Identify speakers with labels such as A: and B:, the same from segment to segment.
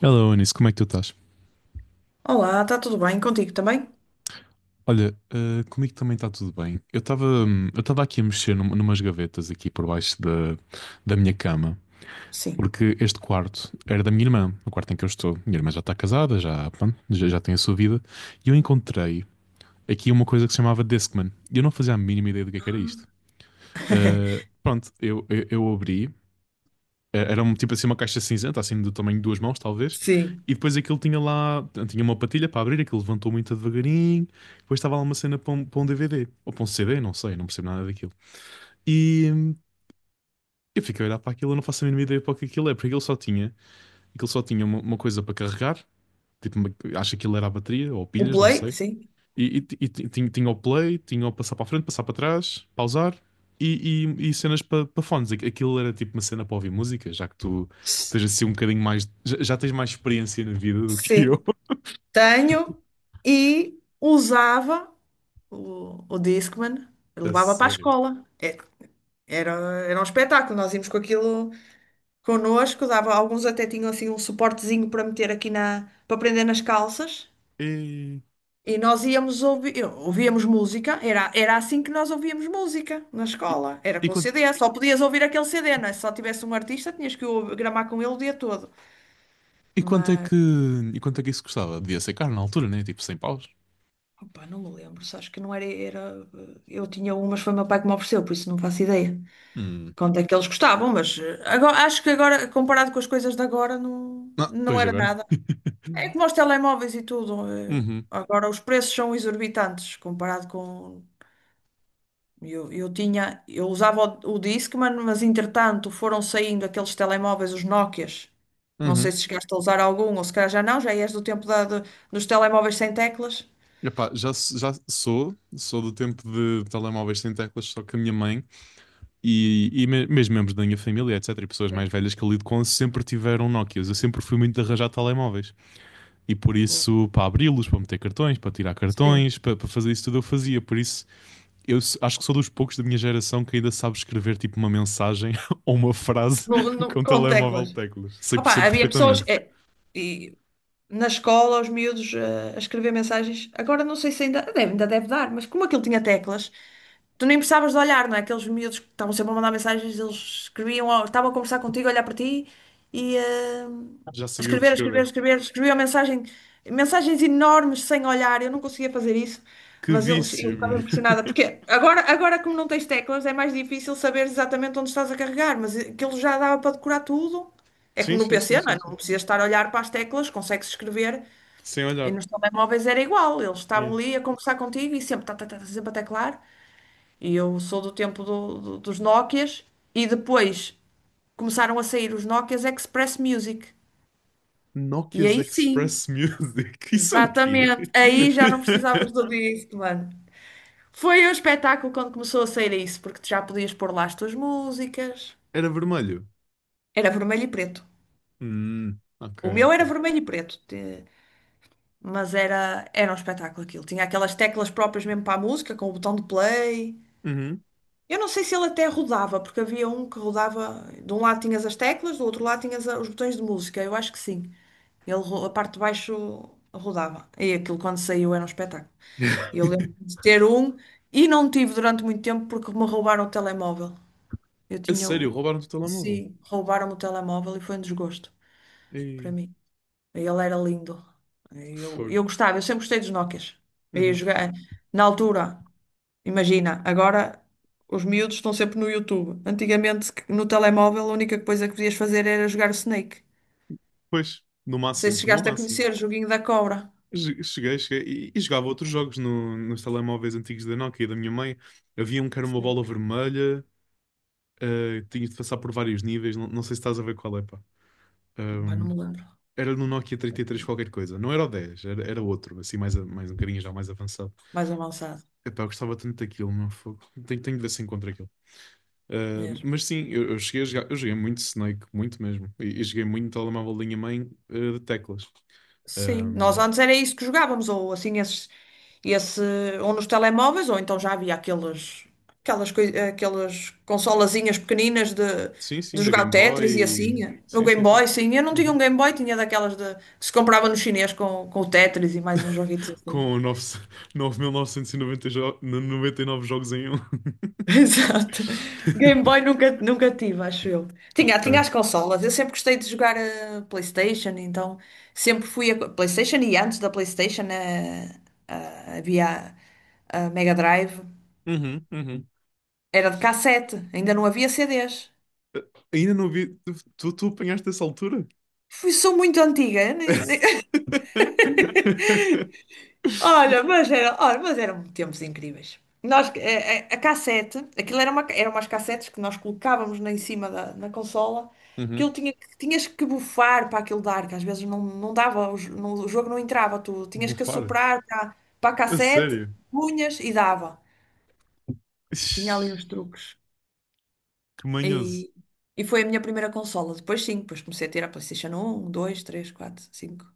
A: Hello, Anis, como é que tu estás?
B: Olá, está tudo bem contigo também?
A: Olha, comigo também está tudo bem. Eu estava aqui a mexer numas gavetas aqui por baixo da minha cama,
B: Sim.
A: porque este quarto era da minha irmã, o quarto em que eu estou. Minha irmã já está casada, pronto, já tem a sua vida, e eu encontrei aqui uma coisa que se chamava Discman, e eu não fazia a mínima ideia do que é que era isto.
B: Ah.
A: Pronto, eu abri. Era tipo assim uma caixa cinzenta, assim do tamanho de duas mãos, talvez.
B: Sim.
A: E depois aquilo tinha tinha uma patilha para abrir, aquilo levantou muito devagarinho. Depois estava lá uma cena para um DVD, ou para um CD, não sei, não percebo nada daquilo. E eu fiquei a olhar para aquilo, eu não faço a mínima ideia para o que aquilo é, porque aquilo só tinha uma coisa para carregar, tipo, acho que aquilo era a bateria, ou
B: O
A: pilhas, não
B: Play?
A: sei.
B: Sim.
A: Tinha o play, tinha o passar para a frente, passar para trás, pausar e cenas para fones. Aquilo era tipo uma cena para ouvir música, já que tu tens assim um bocadinho mais. Já tens mais experiência na vida do que eu.
B: Sim. Tenho e usava o Discman,
A: A
B: levava para a
A: sério.
B: escola. Era, era um espetáculo, nós íamos com aquilo connosco, dava, alguns até tinham assim um suportezinho para meter aqui na, para prender nas calças.
A: E,
B: E nós íamos ouvir, ouvíamos música, era assim que nós ouvíamos música na
A: e,
B: escola, era
A: e
B: com
A: quanto,
B: CD, só podias ouvir aquele CD, não é? Se só tivesse um artista, tinhas que gramar com ele o dia todo.
A: e quanto é
B: Mas,
A: que, E quanto é que isso custava? Devia ser caro na altura, né? Tipo 100 paus.
B: opa, não me lembro, só acho que não era, eu tinha um, mas foi meu pai que me ofereceu, por isso não faço ideia
A: Hum.
B: quanto é que eles gostavam, mas agora, acho que agora, comparado com as coisas de agora, não,
A: Ah,
B: não
A: pois
B: era
A: agora.
B: nada. É como os telemóveis e tudo,
A: Uhum,
B: agora os preços são exorbitantes comparado com. Eu tinha, eu usava o Discman, mas entretanto foram saindo aqueles telemóveis, os Nokias. Não sei
A: uhum.
B: se chegaste a usar algum, ou se calhar já não, já és do tempo da, dos telemóveis sem teclas.
A: Epá, já sou do tempo de telemóveis sem teclas, só que a minha mãe. E mesmo membros da minha família, etc., e pessoas mais
B: Sim.
A: velhas que eu lido com, sempre tiveram Nokias. Eu sempre fui muito de arranjar telemóveis. E por
B: Boa.
A: isso, para abri-los, para meter cartões, para tirar
B: Sim,
A: cartões, para, para fazer isso tudo, eu fazia. Por isso, acho que sou dos poucos da minha geração que ainda sabe escrever tipo uma mensagem ou uma frase com
B: com
A: telemóvel de
B: teclas.
A: teclas. Sei,
B: Opa,
A: sei
B: havia pessoas,
A: perfeitamente.
B: e, na escola, os miúdos, a escrever mensagens. Agora não sei se ainda deve, ainda deve dar, mas como aquilo tinha teclas, tu nem precisavas de olhar, não é? Aqueles miúdos que estavam sempre a mandar mensagens, eles escreviam, ou estavam a conversar contigo, a olhar para ti e,
A: Já
B: a
A: sabia o que
B: escrever, a escrever, a
A: escrever.
B: escrever, escreviam mensagens enormes sem olhar. Eu não conseguia fazer isso,
A: Que
B: mas eles, eu
A: vício, meu.
B: ficava impressionada, porque agora como não tens teclas, é mais difícil saber exatamente onde estás a carregar, mas aquilo já dava para decorar tudo. É
A: Sim,
B: como no
A: sim, sim,
B: PC, não
A: sim,
B: é?
A: sim.
B: Não precisas estar a olhar para as teclas, consegues escrever.
A: Sem
B: E
A: olhar.
B: nos telemóveis era igual, eles
A: É.
B: estavam ali a conversar contigo e sempre, tá, tá, tá, tá, sempre a teclar. E eu sou do tempo dos Nokias e depois começaram a sair os Nokias Express Music. E
A: Nokia's
B: aí sim,
A: Express Music. Isso é o quê?
B: exatamente. Aí já não precisavas do disco, mano. Foi um espetáculo quando começou a sair isso, porque tu já podias pôr lá as tuas músicas.
A: Era vermelho.
B: Era vermelho e preto.
A: Ok,
B: O meu era
A: ok.
B: vermelho e preto. Mas era, era um espetáculo aquilo. Tinha aquelas teclas próprias mesmo para a música, com o botão de play.
A: Uhum.
B: Eu não sei se ele até rodava, porque havia um que rodava, de um lado tinhas as teclas, do outro lado tinhas os botões de música, eu acho que sim. Ele, a parte de baixo rodava. E aquilo quando saiu era um espetáculo. Eu lembro de ter um e não tive durante muito tempo porque me roubaram o telemóvel. Eu
A: A
B: tinha
A: sério,
B: o.
A: roubaram-te o telemóvel.
B: Sim, roubaram-me o telemóvel e foi um desgosto para
A: E
B: mim. Ele era lindo. Eu,
A: foi.
B: eu gostava, eu sempre gostei dos Nokias. Eu ia
A: Uhum.
B: jogar na altura. Imagina, agora os miúdos estão sempre no YouTube. Antigamente, no telemóvel, a única coisa que podias fazer era jogar o Snake.
A: Pois, no
B: Não sei
A: máximo,
B: se
A: no
B: chegaste a
A: máximo.
B: conhecer o joguinho da cobra.
A: Cheguei, cheguei. E jogava outros jogos no, nos telemóveis antigos da Nokia e da minha mãe. Havia um que era uma
B: Sim.
A: bola vermelha, tinhas de passar por vários níveis. Não, não sei se estás a ver qual é, pá.
B: Pá, não
A: Ahm,
B: me lembro.
A: Era no Nokia 33 qualquer coisa. Não era o 10. Era outro, assim, mais um bocadinho já mais avançado.
B: Mais avançado
A: Epá, eu gostava tanto daquilo, meu fogo. Tenho, tenho de ver se encontro aquilo.
B: mesmo.
A: Mas sim, eu cheguei a jogar, eu joguei muito Snake, muito mesmo. E joguei muito telemóvel de linha mãe, de teclas.
B: Sim, nós
A: Um,
B: antes era isso que jogávamos, ou assim, esses, esse, ou nos telemóveis, ou então já havia aqueles, aquelas, aquelas consolazinhas pequeninas
A: sim, sim,
B: de
A: da
B: jogar o
A: Game
B: Tetris e
A: Boy.
B: assim, o
A: Sim,
B: Game
A: sim, sim.
B: Boy, sim, eu não tinha um
A: Uhum.
B: Game Boy, tinha daquelas de, que se comprava no chinês com o Tetris e mais uns joguitos assim.
A: Com nove mil novecentos e noventa e nove jogos em um.
B: Exato. Game Boy nunca tive, acho eu. Tinha as
A: Ok.
B: consolas. Eu sempre gostei de jogar a PlayStation, então sempre fui a PlayStation e antes da PlayStation, havia a Mega Drive.
A: Uhum, uhum.
B: Era de cassete, ainda não havia CDs.
A: Ainda não vi. Tu apanhaste essa altura?
B: Fui, sou muito antiga. Eu nem- nem- Olha, mas eram tempos incríveis. Nós, a cassete, aquilo era uma, eram umas cassetes que nós colocávamos na, em cima da na consola, que ele
A: Uhum.
B: tinha, tinhas que bufar para aquilo dar, que às vezes não, não dava, o jogo não entrava, tu tinhas que
A: Bufar?
B: soprar para a
A: A
B: cassete,
A: sério?
B: punhas e dava.
A: Ixi,
B: Tinha ali uns truques.
A: que manhoso.
B: E, e foi a minha primeira consola. Depois sim, depois comecei a ter a PlayStation 1, 2, 3, 4, 5,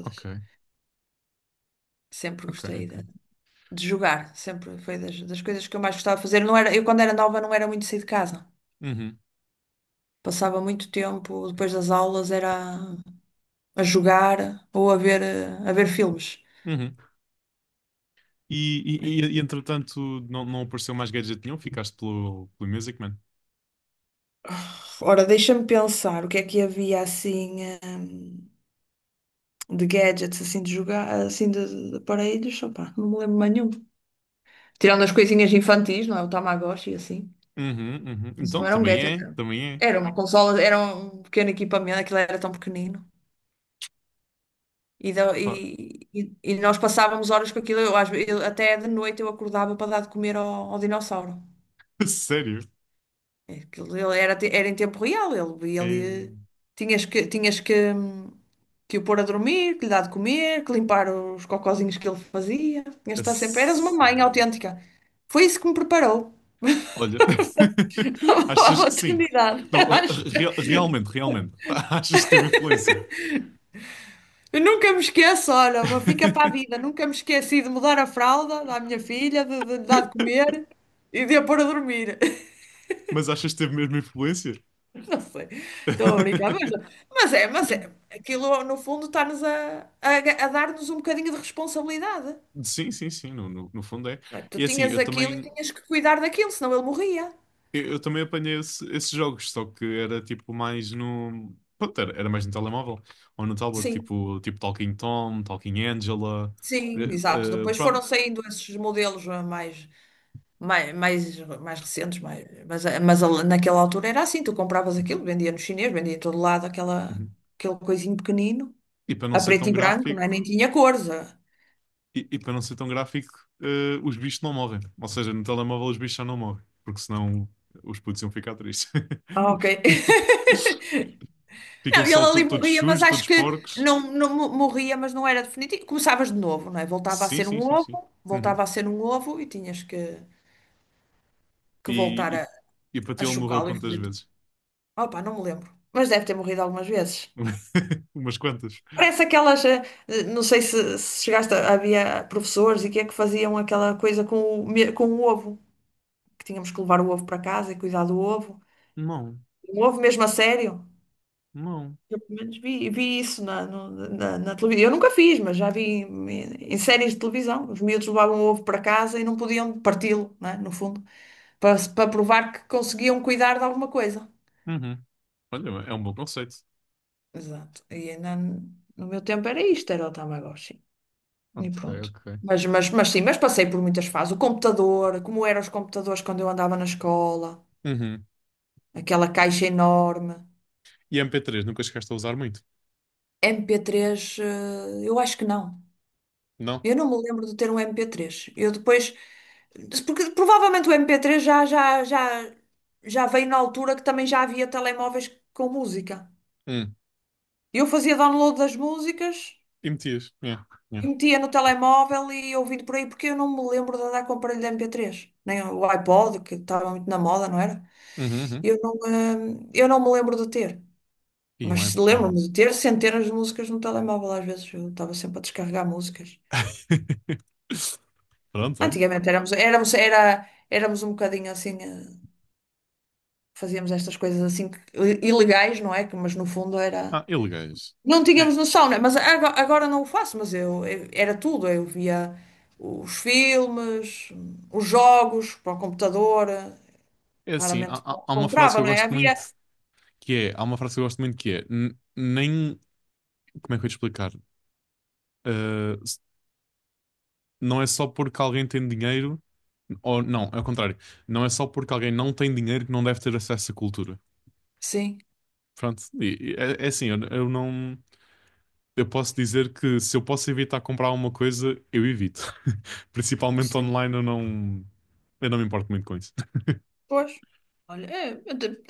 A: Ok,
B: Sempre
A: ok,
B: gostei
A: ok.
B: de jogar, sempre foi das coisas que eu mais gostava de fazer. Não era, eu, quando era nova, não era muito sair de casa.
A: Uhum,
B: Passava muito tempo, depois das aulas, era a jogar ou a ver, a ver filmes.
A: uhum. Entretanto não apareceu mais gadget nenhum, ficaste pelo Music Man.
B: Ora, deixa-me pensar o que é que havia assim, de gadgets, assim de jogar, assim de aparelhos. Opá, não me lembro mais nenhum. Tirando as coisinhas infantis, não é? O Tamagotchi, e assim.
A: Uhum, uhum.
B: Isso
A: Então
B: não era um
A: também
B: gadget,
A: é,
B: não.
A: também é.
B: Era uma consola, era um pequeno equipamento, aquilo era tão pequenino. E, da-
A: Pá,
B: e- e- e nós passávamos horas com aquilo, eu, até de noite eu acordava para dar de comer ao ao dinossauro.
A: sério?
B: É. Aquilo, ele era, era em tempo real, ele,
A: É,
B: tinhas que que o pôr a dormir, que lhe dar de comer, que limpar os cocozinhos que ele fazia. Tinhas de
A: a
B: estar sempre, eras uma mãe
A: sério.
B: autêntica. Foi isso que me preparou
A: Olha,
B: para a
A: achas que sim?
B: maternidade,
A: Não,
B: acho.
A: realmente, realmente. Achas que teve influência?
B: Eu nunca me esqueço, olha, fica para a vida, nunca me esqueci de mudar a fralda da minha filha, de lhe dar de comer e de a pôr a dormir.
A: Mas achas que teve mesmo influência?
B: Não sei, estou a brincar, mas, mas é, aquilo no fundo está-nos a, a dar-nos um bocadinho de responsabilidade,
A: Sim, sim, sim, no fundo é.
B: não é? Tu
A: E assim,
B: tinhas
A: eu
B: aquilo e
A: também,
B: tinhas que cuidar daquilo, senão ele morria.
A: Eu, eu também apanhei esses jogos, só que era tipo mais no. Pronto, era mais no telemóvel ou no tablet,
B: Sim,
A: tipo, tipo Talking Tom, Talking Angela. eh,
B: sim, exato. Depois foram
A: Pronto.
B: saindo esses modelos, mais, mais, mais recentes, mais, mas a- naquela altura era assim, tu compravas aquilo, vendia no chinês, vendia em todo lado aquela,
A: Uhum.
B: aquele coisinho pequenino,
A: E para não
B: a
A: ser
B: preto
A: tão
B: e branco, não é? Nem
A: gráfico,
B: tinha cores. Ah.
A: para não ser tão gráfico, os bichos não morrem. Ou seja, no telemóvel os bichos já não morrem, porque senão os putos iam ficar tristes.
B: Ah, ok. Não,
A: Ficam
B: ele
A: só
B: ali
A: todos
B: morria, mas
A: sujos,
B: acho
A: todos
B: que
A: porcos.
B: não morria, mas não era definitivo. Começavas de novo, não é? Voltava a
A: Sim,
B: ser
A: sim,
B: um
A: sim, sim.
B: ovo,
A: Uhum.
B: voltava a ser um ovo e tinhas que voltar
A: E,
B: a,
A: e para ti
B: a
A: ele morreu
B: chocá-lo e
A: quantas
B: fazer tudo.
A: vezes?
B: Opa, não me lembro. Mas deve ter morrido algumas vezes.
A: Umas quantas.
B: Parece aquelas. Não sei se chegaste a. Havia professores e que é que faziam aquela coisa com o ovo, que tínhamos que levar o ovo para casa e cuidar do ovo.
A: Não.
B: Um ovo mesmo a sério.
A: Não.
B: Eu pelo menos vi isso na, no- na, na televisão. Eu nunca fiz, mas já vi em séries de televisão. Os miúdos levavam ovo para casa e não podiam parti-lo, né, no fundo, para provar que conseguiam cuidar de alguma coisa.
A: Uhum. Olha, é um bom conceito.
B: Exato. E ainda no meu tempo era isto, era o Tamagotchi. E
A: Ok,
B: pronto.
A: ok.
B: Mas sim, mas passei por muitas fases. O computador, como eram os computadores quando eu andava na escola,
A: Uhum.
B: aquela caixa enorme.
A: E MP3 nunca chegaste a usar muito?
B: MP3, eu acho que não.
A: Não?
B: Eu não me lembro de ter um MP3. Eu depois. Porque provavelmente o MP3 já veio na altura que também já havia telemóveis com música.
A: Hum.
B: Eu fazia download das músicas
A: E metias? Yeah.
B: e
A: Yeah.
B: metia no telemóvel e ia ouvindo por aí, porque eu não me lembro de andar com o aparelho de MP3, nem o iPod, que estava muito na moda, não era?
A: Uhum, uhum.
B: Eu não, eu não me lembro de ter.
A: E um
B: Mas se
A: iPod.
B: lembro-me de ter centenas de músicas no telemóvel, às vezes eu estava sempre a descarregar músicas.
A: Pronto, olha.
B: Antigamente éramos um bocadinho assim, fazíamos estas coisas assim ilegais, não é? Que, mas no fundo era.
A: Ah, ilegais.
B: Não
A: É,
B: tínhamos noção, né? Mas agora não o faço, mas eu era tudo. Eu via os filmes, os jogos para o computador,
A: é assim,
B: raramente
A: há uma frase que
B: comprava,
A: eu
B: não é?
A: gosto
B: Havia.
A: muito que é, há uma frase que eu gosto muito que é, n- nem, como é que eu ia te explicar? Ah, não é só porque alguém tem dinheiro. Ou não, é o contrário. Não é só porque alguém não tem dinheiro que não deve ter acesso à cultura.
B: Sim,
A: Pronto, e é assim, eu não. Eu posso dizer que se eu posso evitar comprar alguma coisa, eu evito. Principalmente
B: sim,
A: online, eu não. Eu não me importo muito com isso.
B: pois. Olha, é,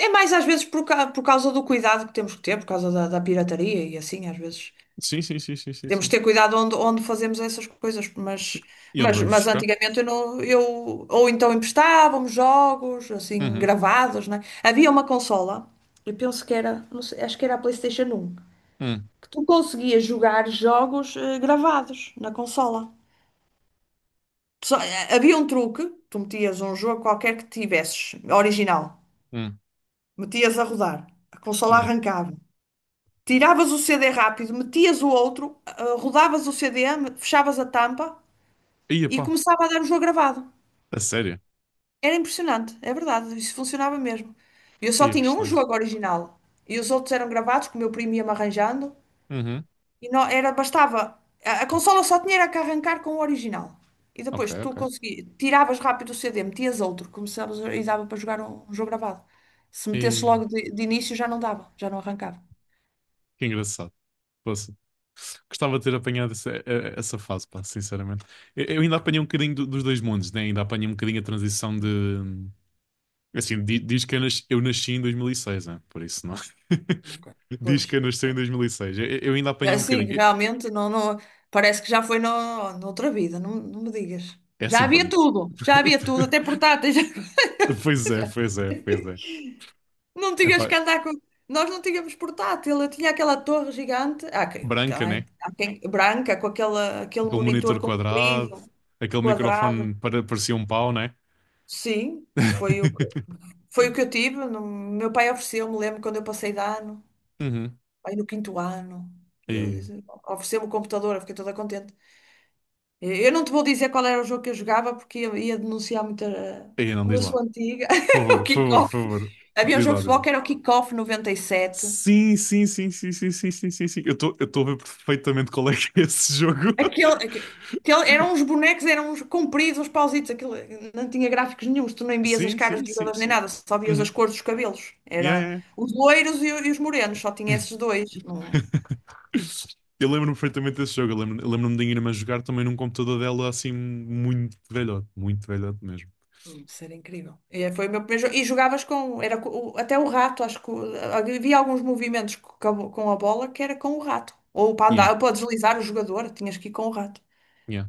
B: é mais às vezes por causa do cuidado que temos que ter, por causa da pirataria e assim, às vezes.
A: Sim, sim, sim, sim, sim,
B: Temos de
A: sim.
B: ter cuidado onde fazemos essas coisas,
A: Sim.
B: mas,
A: E onde
B: mas,
A: vamos
B: mas
A: buscar?
B: antigamente eu, não, eu ou então emprestávamos jogos assim
A: Uhum.
B: gravados, né? Havia uma consola, eu penso que era, não sei, acho que era a PlayStation 1
A: Hum,
B: que tu conseguias jogar jogos, gravados na consola. Havia um truque, tu metias um jogo qualquer que tivesses, original,
A: hum,
B: metias a rodar, a consola
A: hum.
B: arrancava. Tiravas o CD rápido, metias o outro, rodavas o CD, fechavas a tampa
A: Ia
B: e
A: pá,
B: começava a dar o jogo gravado.
A: a sério?
B: Era impressionante, é verdade, isso funcionava mesmo. Eu só
A: Ia que
B: tinha um
A: estranho.
B: jogo original e os outros eram gravados, que o meu primo ia-me arranjando,
A: Uhum.
B: e não, era, bastava. A consola só tinha era que arrancar com o original. E
A: Ok,
B: depois tu
A: ok.
B: consegui, tiravas rápido o CD, metias outro, começavas e dava para jogar um jogo gravado. Se metesse
A: E...
B: logo de início já não dava, já não arrancava.
A: Que engraçado. Poxa. Gostava de ter apanhado essa fase, pá, sinceramente. Eu ainda apanhei um bocadinho dos dois mundos, né? Ainda apanhei um bocadinho a transição de. Assim, diz que eu nasci em 2006, né? Por isso não.
B: Ok.
A: Diz que
B: Pois.
A: eu nasci
B: Tá.
A: em 2006. Eu ainda apanhei
B: Já
A: um bocadinho.
B: sim, realmente não, não, parece que já foi noutra vida, não, não me digas.
A: É assim, pá.
B: Já havia tudo, até portáteis.
A: Pois é, pois é, pois é.
B: Não
A: Epá,
B: tinhas que andar com. Nós não tínhamos portátil, eu tinha aquela torre gigante,
A: branca, né?
B: branca, com aquela, aquele
A: Aquele
B: monitor
A: monitor quadrado,
B: comprido,
A: aquele microfone
B: quadrado.
A: parecia um pau, né?
B: Sim, foi o, foi o que eu tive. Meu pai ofereceu-me, lembro quando eu passei de ano,
A: Uhum.
B: aí no quinto ano, ele
A: E,
B: disse, ofereceu-me o computador, eu fiquei toda contente. Eu não te vou dizer qual era o jogo que eu jogava, porque eu ia denunciar muita.
A: e não
B: Como
A: diz
B: eu sou
A: lá.
B: antiga,
A: Por favor,
B: o
A: por favor, por
B: kick-off.
A: favor.
B: Havia um
A: Diz
B: jogo de
A: lá, diz
B: futebol
A: lá.
B: que era o kick-off 97.
A: Sim, sim, sim, sim, sim, sim, sim, sim, sim. Eu estou a ver perfeitamente qual é que é esse jogo.
B: Aquele, aque- aquele, eram uns bonecos, eram uns compridos, uns pausitos. Aquilo, não tinha gráficos nenhuns, tu nem vias as
A: Sim,
B: caras
A: sim,
B: dos
A: sim,
B: jogadores nem
A: sim.
B: nada, só vias
A: Uhum.
B: as cores dos cabelos.
A: Yeah,
B: Era
A: yeah.
B: os loiros e os morenos, só tinha
A: Yeah.
B: esses dois.
A: Eu lembro-me perfeitamente desse jogo. Eu lembro-me da minha irmã jogar também num computador dela assim muito velhote mesmo.
B: Isso incrível. E é, foi o meu primeiro jogo. E jogavas com. Era, até o rato, acho que. Havia alguns movimentos com a bola que era com o rato. Ou para
A: Yeah,
B: andar, ou para deslizar o jogador, tinhas que ir com o rato.
A: yeah.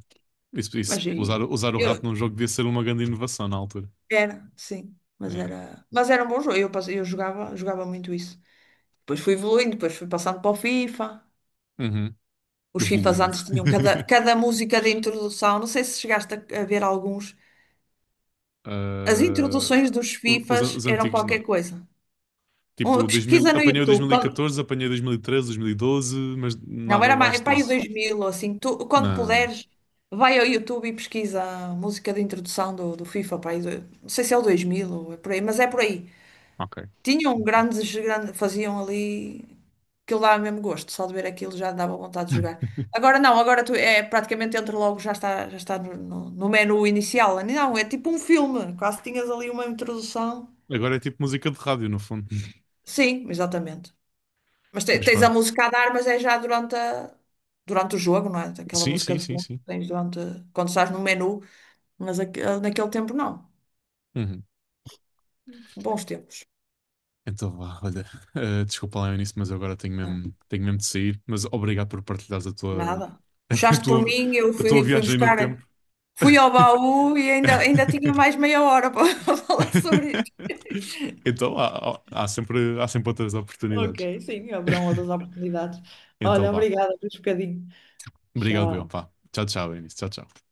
A: Isso, isso.
B: Mas
A: Usar, usar o rato num
B: eu.
A: jogo devia ser uma grande inovação na altura.
B: Era, sim.
A: Yeah.
B: Mas era um bom jogo. Eu jogava, jogava muito isso. Depois fui evoluindo, depois fui passando para o FIFA.
A: Uhum.
B: Os FIFAs
A: Evoluindo.
B: antes tinham cada música de introdução. Não sei se chegaste a ver alguns. As
A: Ah,
B: introduções dos FIFAs
A: os
B: eram
A: antigos não.
B: qualquer coisa.
A: Tipo, 2000,
B: Pesquisa no
A: apanhei o
B: YouTube.
A: 2014, apanhei 2013, 2012, mas
B: Não,
A: nada
B: era mais,
A: abaixo
B: para aí os
A: disso.
B: 2000, assim, tu, quando
A: Não, não.
B: puderes, vai ao YouTube e pesquisa a música de introdução do FIFA, para aí, não sei se é o 2000 ou é por aí, mas é por aí.
A: Ok.
B: Tinham
A: Ok.
B: grandes, grandes, faziam ali, aquilo dava mesmo gosto, só de ver aquilo já dava vontade de jogar. Agora não, agora tu é praticamente entra logo, já está no menu inicial. Não, é tipo um filme, quase tinhas ali uma introdução.
A: Agora é tipo música de rádio, no fundo.
B: Sim, exatamente. Mas
A: Mas
B: tens a
A: pronto.
B: música a dar, mas é já durante, durante o jogo, não é? Aquela
A: Sim,
B: música
A: sim,
B: de
A: sim,
B: fundo que
A: sim.
B: tens durante, quando estás no menu, mas naquele tempo não.
A: Uhum.
B: Bons tempos.
A: Então vá, olha. Desculpa lá o início, mas eu agora
B: Ah,
A: tenho mesmo de sair. Mas obrigado por partilhares
B: nada.
A: a
B: Puxaste por
A: tua,
B: mim, eu
A: a tua
B: fui, fui
A: viagem no
B: buscar.
A: tempo.
B: Fui ao baú e ainda, ainda tinha mais meia hora para falar sobre isto.
A: Então há sempre outras
B: Ok,
A: oportunidades.
B: sim, haverão outras oportunidades.
A: Então
B: Olha,
A: vá.
B: obrigada por um bocadinho.
A: Obrigado, eu.
B: Tchau.
A: Vá. Tchau, tchau, Eunice. Tchau, tchau.